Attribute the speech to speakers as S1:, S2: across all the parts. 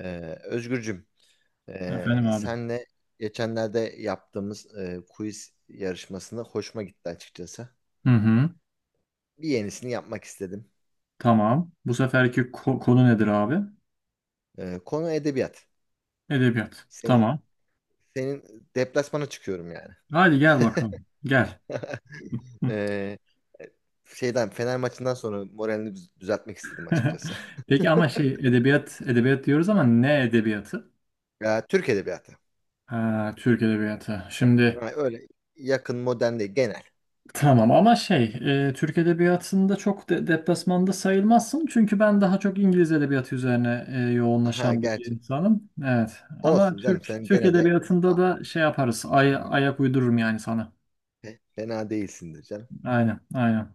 S1: Özgürcüm,
S2: Efendim abi.
S1: senle geçenlerde yaptığımız quiz yarışmasını hoşuma gitti açıkçası.
S2: Hı hı.
S1: Bir yenisini yapmak istedim.
S2: Tamam. Bu seferki konu nedir abi?
S1: Konu edebiyat.
S2: Edebiyat.
S1: Senin
S2: Tamam.
S1: senin deplasmana çıkıyorum yani.
S2: Hadi gel bakalım. Gel. Hı.
S1: Ee, Şeyden Fener maçından sonra moralini düzeltmek istedim açıkçası.
S2: Peki ama edebiyat diyoruz ama ne edebiyatı?
S1: Ya, Türk edebiyatı.
S2: Ha, Türk edebiyatı. Şimdi
S1: Ha, öyle yakın modern değil, genel.
S2: tamam ama Türk edebiyatında çok de deplasmanda sayılmazsın. Çünkü ben daha çok İngiliz edebiyatı üzerine
S1: Ha,
S2: yoğunlaşan bir
S1: gerçi
S2: insanım. Evet. Ama
S1: olsun canım,
S2: Türk
S1: sen
S2: Türk
S1: gene de
S2: edebiyatında
S1: aa,
S2: da şey yaparız. Ayak uydururum yani sana.
S1: fena değilsindir canım.
S2: Aynen, aynen.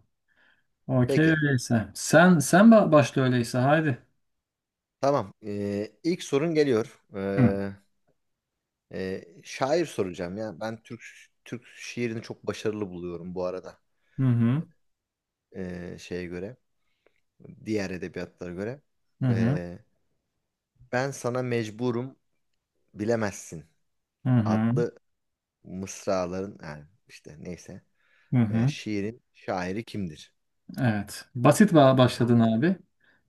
S2: Okey
S1: Peki.
S2: öyleyse. Sen başla öyleyse haydi.
S1: Tamam. İlk sorun geliyor.
S2: Hı.
S1: Şair soracağım ya. Ben Türk şiirini çok başarılı buluyorum bu arada.
S2: Hı hı.
S1: Şeye göre, diğer edebiyatlara göre.
S2: Hı hı.
S1: Ee, Ben sana mecburum bilemezsin
S2: Hı hı.
S1: adlı mısraların, yani işte neyse,
S2: Hı hı.
S1: Şiirin şairi kimdir?
S2: Evet. Basit
S1: Ha,
S2: başladın abi.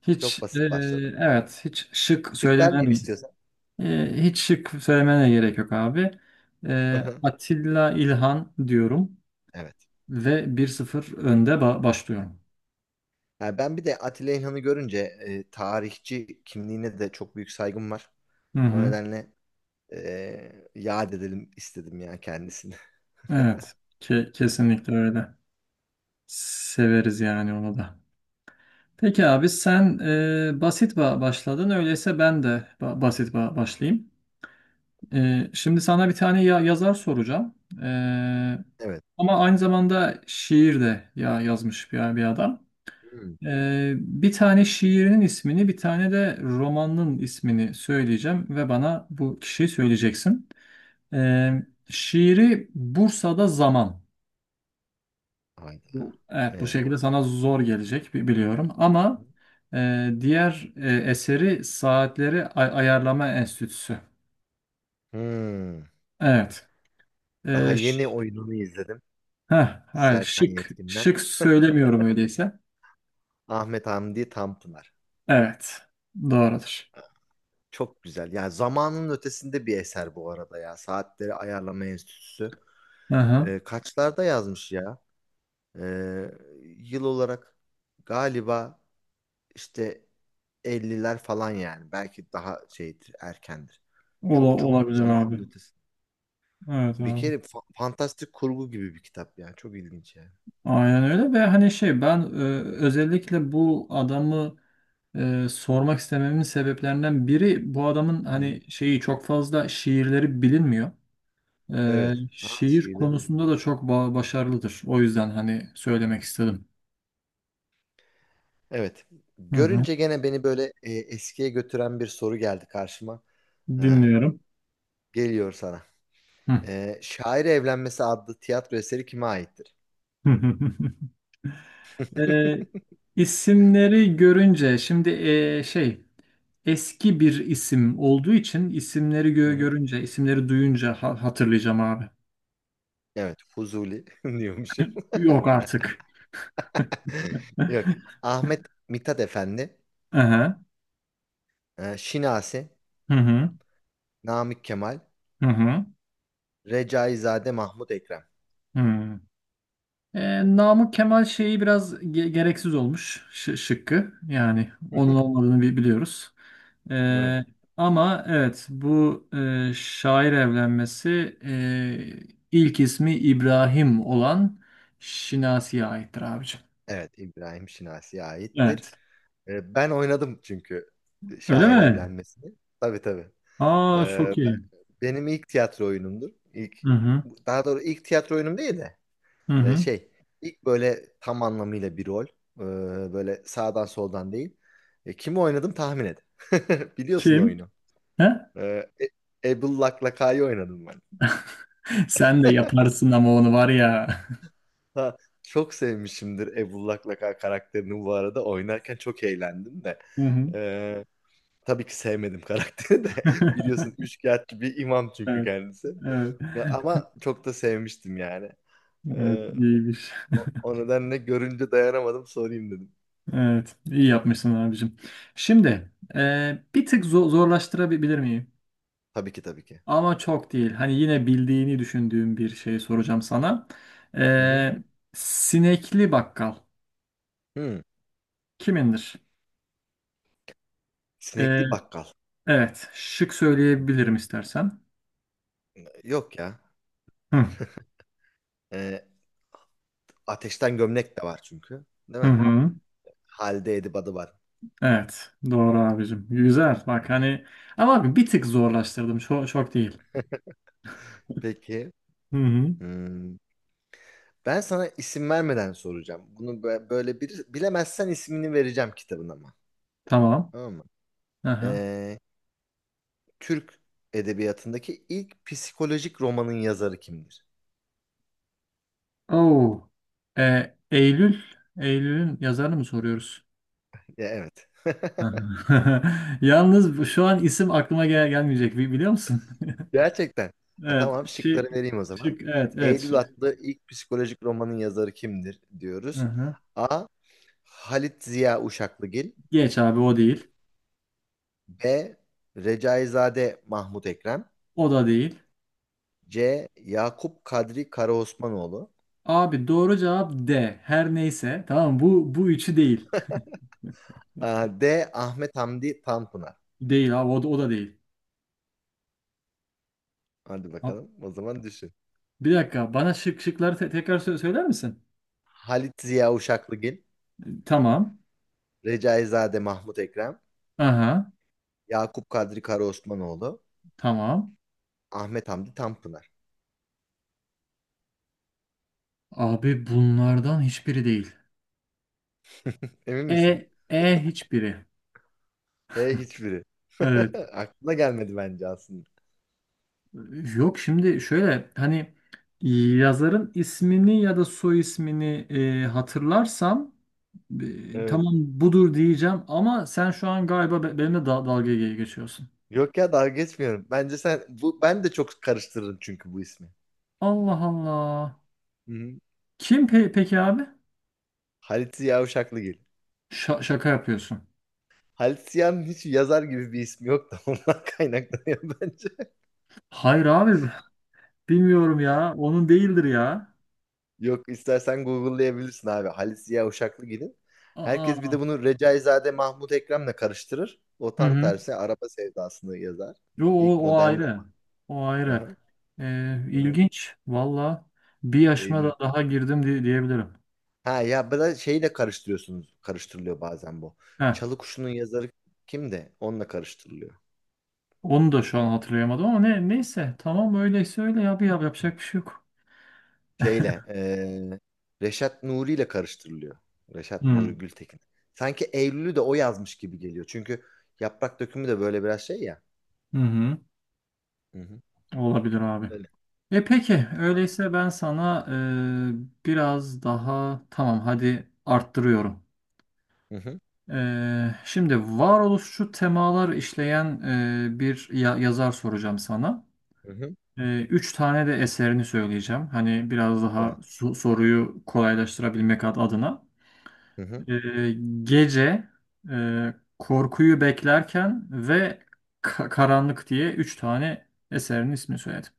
S2: Hiç
S1: çok basit başladım.
S2: evet hiç şık
S1: Şık vermeyeyim istiyorsan.
S2: hiç şık söylemene gerek yok abi.
S1: Aha.
S2: Atilla İlhan diyorum
S1: Evet.
S2: ve bir sıfır önde
S1: Hı hı.
S2: başlıyorum.
S1: Ha, ben bir de Atilla İlhan'ı görünce tarihçi kimliğine de çok büyük saygım var.
S2: Hı
S1: O
S2: hı.
S1: nedenle yad edelim istedim ya kendisini.
S2: Evet. Kesinlikle öyle. Severiz yani onu da. Peki abi sen basit başladın. Öyleyse ben de basit başlayayım. Şimdi sana bir tane yazar soracağım. E,
S1: Evet.
S2: ama aynı zamanda şiir de yazmış bir adam.
S1: Hmm.
S2: Bir tane şiirinin ismini, bir tane de romanının ismini söyleyeceğim ve bana bu kişiyi söyleyeceksin. E, şiiri Bursa'da Zaman.
S1: Hayda.
S2: Bu
S1: Ee,
S2: şekilde sana zor gelecek biliyorum ama diğer eseri Saatleri Ayarlama Enstitüsü.
S1: hmm.
S2: Evet.
S1: Daha
S2: E, ş-
S1: yeni oyununu izledim.
S2: heh, hayır,
S1: Serkan
S2: şık
S1: Yetkin'den.
S2: şık söylemiyorum öyleyse.
S1: Ahmet Hamdi Tanpınar.
S2: Evet. Doğrudur.
S1: Çok güzel. Yani zamanın ötesinde bir eser bu arada ya. Saatleri Ayarlama Enstitüsü.
S2: Hı hı.
S1: Kaçlarda yazmış ya? Ee, Yıl olarak galiba İşte elliler falan yani. Belki daha şeydir, erkendir. Çok çok
S2: Olabilir
S1: zamanın
S2: abi.
S1: ötesi.
S2: Evet
S1: Bir
S2: abi.
S1: kere fantastik kurgu gibi bir kitap yani. Çok ilginç yani.
S2: Aynen öyle ve hani şey ben özellikle bu adamı sormak istememin sebeplerinden biri bu adamın
S1: Hı.
S2: hani şeyi çok fazla şiirleri bilinmiyor.
S1: Evet. Ha,
S2: Şiir
S1: şeyleri de
S2: konusunda
S1: var.
S2: da çok başarılıdır. O yüzden hani
S1: Hı
S2: söylemek
S1: hı.
S2: istedim.
S1: Evet.
S2: Hı hı.
S1: Görünce gene beni böyle eskiye götüren bir soru geldi karşıma. Ee,
S2: Dinliyorum.
S1: Geliyor sana.
S2: Hı.
S1: Şair Evlenmesi adlı tiyatro eseri kime aittir?
S2: Ee, isimleri görünce şimdi eski bir isim olduğu için isimleri
S1: Hı hı.
S2: görünce isimleri duyunca hatırlayacağım abi.
S1: Evet, Fuzuli diyormuşum.
S2: Yok artık.
S1: Yok. Ahmet Mithat Efendi,
S2: Aha.
S1: Şinasi,
S2: Hı hı.
S1: Namık Kemal,
S2: Hı hı.
S1: Recaizade Mahmut Ekrem.
S2: Hı. Namık Kemal şeyi biraz gereksiz olmuş şıkkı. Yani onun olmadığını biliyoruz.
S1: Evet.
S2: Ee, ama evet bu şair evlenmesi ilk ismi İbrahim olan Şinasi'ye aittir abicim.
S1: Evet, İbrahim Şinasi'ye aittir.
S2: Evet.
S1: Ben oynadım çünkü
S2: Öyle
S1: şair
S2: mi?
S1: evlenmesini. Tabii tabii.
S2: Aa
S1: Ee,
S2: çok
S1: ben-
S2: iyi.
S1: Benim ilk tiyatro oyunumdur. İlk,
S2: Hı hı.
S1: daha doğru ilk tiyatro oyunum değil de
S2: Hı
S1: e,
S2: hı.
S1: şey ilk böyle tam anlamıyla bir rol. Böyle sağdan soldan değil. E, kimi oynadım tahmin et. Biliyorsun
S2: Kim?
S1: oyunu.
S2: He?
S1: Ebul Laklaka'yı oynadım.
S2: Sen de yaparsın ama onu var ya.
S1: Ha, çok sevmişimdir Ebullak Laka karakterini bu arada. Oynarken çok eğlendim de.
S2: Hı hı.
S1: Ee, tabii ki sevmedim karakteri de. Biliyorsun üçkağıtçı bir imam çünkü
S2: Evet,
S1: kendisi.
S2: evet,
S1: Ya, ama çok da sevmiştim yani.
S2: evet
S1: Ee,
S2: iyiymiş.
S1: O nedenle görünce dayanamadım sorayım dedim.
S2: Evet, iyi yapmışsın abicim. Şimdi bir tık zorlaştırabilir miyim?
S1: Tabii ki tabii ki.
S2: Ama çok değil. Hani yine bildiğini düşündüğüm bir şey soracağım sana.
S1: Hı hı.
S2: Ee, sinekli bakkal
S1: Hı.
S2: kimindir? Ee,
S1: Sinekli bakkal.
S2: evet. Şık
S1: Hı
S2: söyleyebilirim
S1: hı.
S2: istersen.
S1: Yok ya.
S2: Hı
S1: Ee, Ateşten gömlek de var çünkü. Değil
S2: hı.
S1: mi?
S2: hı.
S1: Halde Edip adı var.
S2: Evet. Doğru abicim. Güzel.
S1: Hı
S2: Bak
S1: hı.
S2: hani ama abi bir tık zorlaştırdım. Çok, çok değil.
S1: Peki.
S2: Hı hı.
S1: Hmm. Ben sana isim vermeden soracağım. Bunu böyle bir bilemezsen ismini vereceğim kitabın ama.
S2: Tamam.
S1: Tamam mı?
S2: Aha.
S1: Ee, Türk edebiyatındaki ilk psikolojik romanın yazarı kimdir?
S2: Oo. Eylül. Eylül'ün yazarını mı soruyoruz?
S1: Ya, evet.
S2: Hı hı. Yalnız şu an isim aklıma gelmeyecek. Biliyor musun?
S1: Gerçekten. Ya,
S2: Evet.
S1: tamam, şıkları
S2: Şık.
S1: vereyim o zaman.
S2: Şık. Evet. Evet.
S1: Eylül
S2: Şık.
S1: adlı ilk psikolojik romanın yazarı kimdir
S2: Hı
S1: diyoruz.
S2: hı.
S1: A. Halit Ziya Uşaklıgil.
S2: Geç abi o değil.
S1: B. Recaizade Mahmut Ekrem.
S2: O da değil.
S1: C. Yakup Kadri Karaosmanoğlu.
S2: Abi doğru cevap D. Her neyse. Tamam mı? bu üçü değil.
S1: Aa, D. Ahmet Hamdi Tanpınar.
S2: Değil abi o da değil.
S1: Hadi
S2: Ha,
S1: bakalım. O zaman düşün.
S2: bir dakika bana şıkları tekrar söyler misin?
S1: Halit Ziya Uşaklıgil,
S2: Tamam.
S1: Recaizade Mahmut Ekrem,
S2: Aha.
S1: Yakup Kadri Karaosmanoğlu,
S2: Tamam.
S1: Ahmet Hamdi Tanpınar.
S2: Abi bunlardan hiçbiri değil.
S1: Emin misin?
S2: Hiçbiri.
S1: E, hiçbiri.
S2: Evet.
S1: Aklına gelmedi bence aslında.
S2: Yok şimdi şöyle hani yazarın ismini ya da soy ismini hatırlarsam
S1: Evet.
S2: tamam budur diyeceğim ama sen şu an galiba benimle dalga geçiyorsun.
S1: Yok ya, dalga geçmiyorum. Bence sen bu, ben de çok karıştırırım çünkü bu ismi.
S2: Allah Allah.
S1: Hı-hı.
S2: Kim peki abi?
S1: Halit Ziya Uşaklıgil.
S2: Şa- şaka yapıyorsun.
S1: Halit Ziya'nın hiç yazar gibi bir ismi yok da ondan kaynaklanıyor bence.
S2: Hayır abi bilmiyorum ya. Onun değildir ya.
S1: Yok, istersen Google'layabilirsin abi. Halis Ziya Uşaklı gidin. Herkes bir
S2: Aa.
S1: de bunu Recaizade Mahmut Ekrem'le karıştırır. O
S2: Hı
S1: tam
S2: hı.
S1: tersi araba sevdasını yazar.
S2: Yo,
S1: İlk
S2: o
S1: modern rock.
S2: ayrı. O
S1: Aha,
S2: ayrı.
S1: evet.
S2: İlginç. Valla bir yaşıma da
S1: Eylül.
S2: daha girdim diyebilirim.
S1: Ha ya, bir de şeyle karıştırıyorsunuz. Karıştırılıyor bazen bu.
S2: Heh.
S1: Çalı Kuşu'nun yazarı kim de onunla karıştırılıyor.
S2: Onu da şu an hatırlayamadım ama neyse tamam öyleyse öyle ya bir yap yapacak bir şey yok.
S1: Şeyle Reşat Nuri ile karıştırılıyor. Reşat Nuri
S2: Hmm.
S1: Gültekin. Sanki Eylül'ü de o yazmış gibi geliyor. Çünkü Yaprak Dökümü de böyle biraz şey ya.
S2: Hı hı.
S1: Hı hı.
S2: Olabilir abi.
S1: Öyle.
S2: E peki öyleyse ben sana biraz daha tamam hadi arttırıyorum.
S1: Hı hı.
S2: Şimdi varoluşçu temalar işleyen bir yazar soracağım sana.
S1: Hı hı.
S2: Üç tane de eserini söyleyeceğim. Hani biraz daha
S1: Evet.
S2: soruyu kolaylaştırabilmek adına.
S1: Hı hı.
S2: Ee, gece korkuyu beklerken ve karanlık diye 3 tane eserinin ismini söyledim.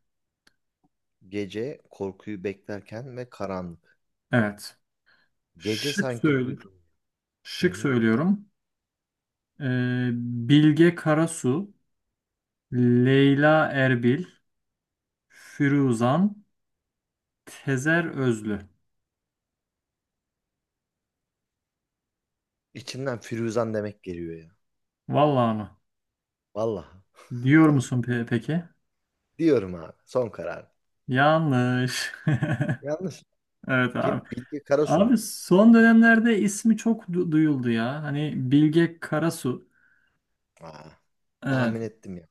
S1: Gece korkuyu beklerken ve karanlık.
S2: Evet.
S1: Gece
S2: Şık
S1: sanki
S2: söylüyorum.
S1: duydum. Hı
S2: Şık
S1: hı.
S2: söylüyorum. Ee, Bilge Karasu, Leyla Erbil, Firuzan, Tezer Özlü.
S1: İçimden Firuzan demek geliyor ya.
S2: Vallahi mı?
S1: Vallahi.
S2: Diyor musun peki?
S1: Diyorum abi. Son karar.
S2: Yanlış.
S1: Yanlış.
S2: Evet abi.
S1: Kim? Bilge Karasu
S2: Abi
S1: mu?
S2: son dönemlerde ismi çok duyuldu ya. Hani Bilge Karasu.
S1: Aa,
S2: Evet.
S1: tahmin ettim ya.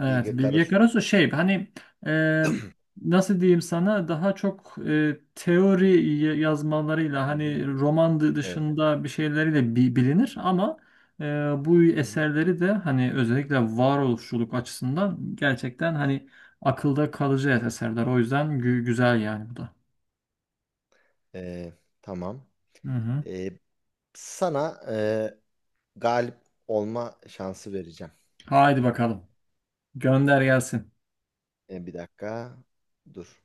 S2: Evet,
S1: Bilge
S2: Bilge
S1: Karasu'dan.
S2: Karasu şey hani e, nasıl diyeyim sana daha çok teori yazmalarıyla
S1: Hı hı.
S2: hani roman
S1: Evet.
S2: dışında bir şeyleriyle bilinir ama e, bu
S1: Hı hı.
S2: eserleri de hani özellikle varoluşçuluk açısından gerçekten hani akılda kalıcı eserler. O yüzden güzel yani bu da.
S1: Ee, tamam.
S2: Hı hı.
S1: Ee, Sana galip olma şansı vereceğim.
S2: Haydi bakalım. Gönder gelsin.
S1: Bir dakika. Dur.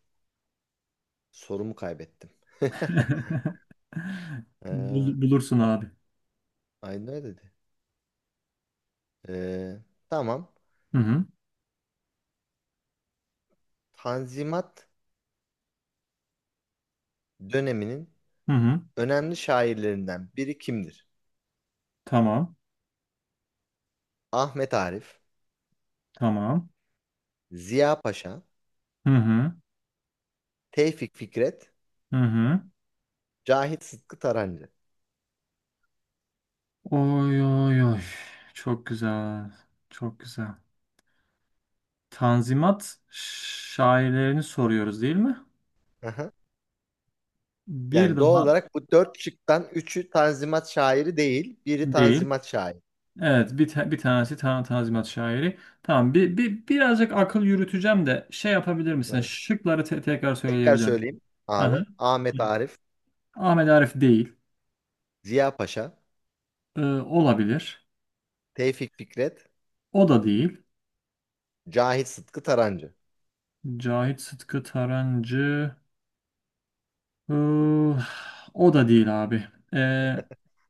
S1: Sorumu kaybettim. Ee,
S2: Bulursun abi.
S1: Ay, ne dedi? Ee, tamam.
S2: Hı hı.
S1: Tanzimat döneminin
S2: Hı hı.
S1: önemli şairlerinden biri kimdir?
S2: Tamam.
S1: Ahmet Arif,
S2: Tamam.
S1: Ziya Paşa,
S2: Hı hı.
S1: Tevfik Fikret,
S2: Hı hı.
S1: Cahit Sıtkı Tarancı.
S2: Oy oy oy. Çok güzel. Çok güzel. Tanzimat şairlerini soruyoruz değil mi?
S1: Aha.
S2: Bir
S1: Yani doğal
S2: daha
S1: olarak bu dört şıktan üçü Tanzimat şairi değil, biri
S2: değil.
S1: Tanzimat şairi.
S2: Evet, bir tanesi Tanzimat şairi. Tamam, birazcık akıl yürüteceğim de şey yapabilir misin?
S1: Evet.
S2: Şıkları tekrar
S1: Tekrar
S2: söyleyebilir misin?
S1: söyleyeyim
S2: Hı
S1: abi.
S2: hı.
S1: Ahmet Arif,
S2: Ahmet Arif değil.
S1: Ziya Paşa,
S2: Olabilir.
S1: Tevfik Fikret,
S2: O da değil.
S1: Cahit Sıtkı Tarancı.
S2: Cahit Sıtkı Tarancı Iı, o da değil abi. Ee,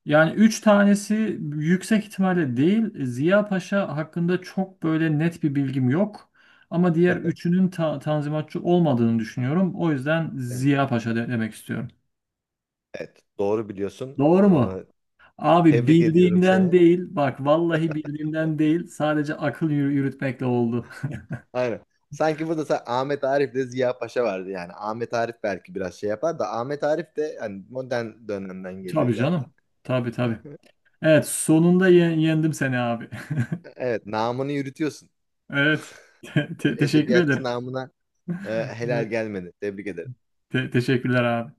S2: yani üç tanesi yüksek ihtimalle değil. Ziya Paşa hakkında çok böyle net bir bilgim yok. Ama diğer üçünün tanzimatçı olmadığını düşünüyorum. O yüzden
S1: Evet.
S2: Ziya Paşa demek istiyorum.
S1: Evet, doğru biliyorsun.
S2: Doğru mu? Abi
S1: Tebrik ediyorum
S2: bildiğimden
S1: seni.
S2: değil. Bak vallahi bildiğimden değil. Sadece akıl yürütmekle oldu.
S1: Aynen. Sanki burada Ahmet Arif de Ziya Paşa vardı yani. Ahmet Arif belki biraz şey yapar da Ahmet Arif de hani modern dönemden geliyor
S2: Tabii
S1: zaten.
S2: canım. Tabii tabii. Evet sonunda yendim seni abi.
S1: Evet, namını yürütüyorsun.
S2: Evet. Teşekkür
S1: Edebiyatçı
S2: ederim.
S1: namına helal
S2: Evet.
S1: gelmedi. Tebrik ederim.
S2: Teşekkürler abi.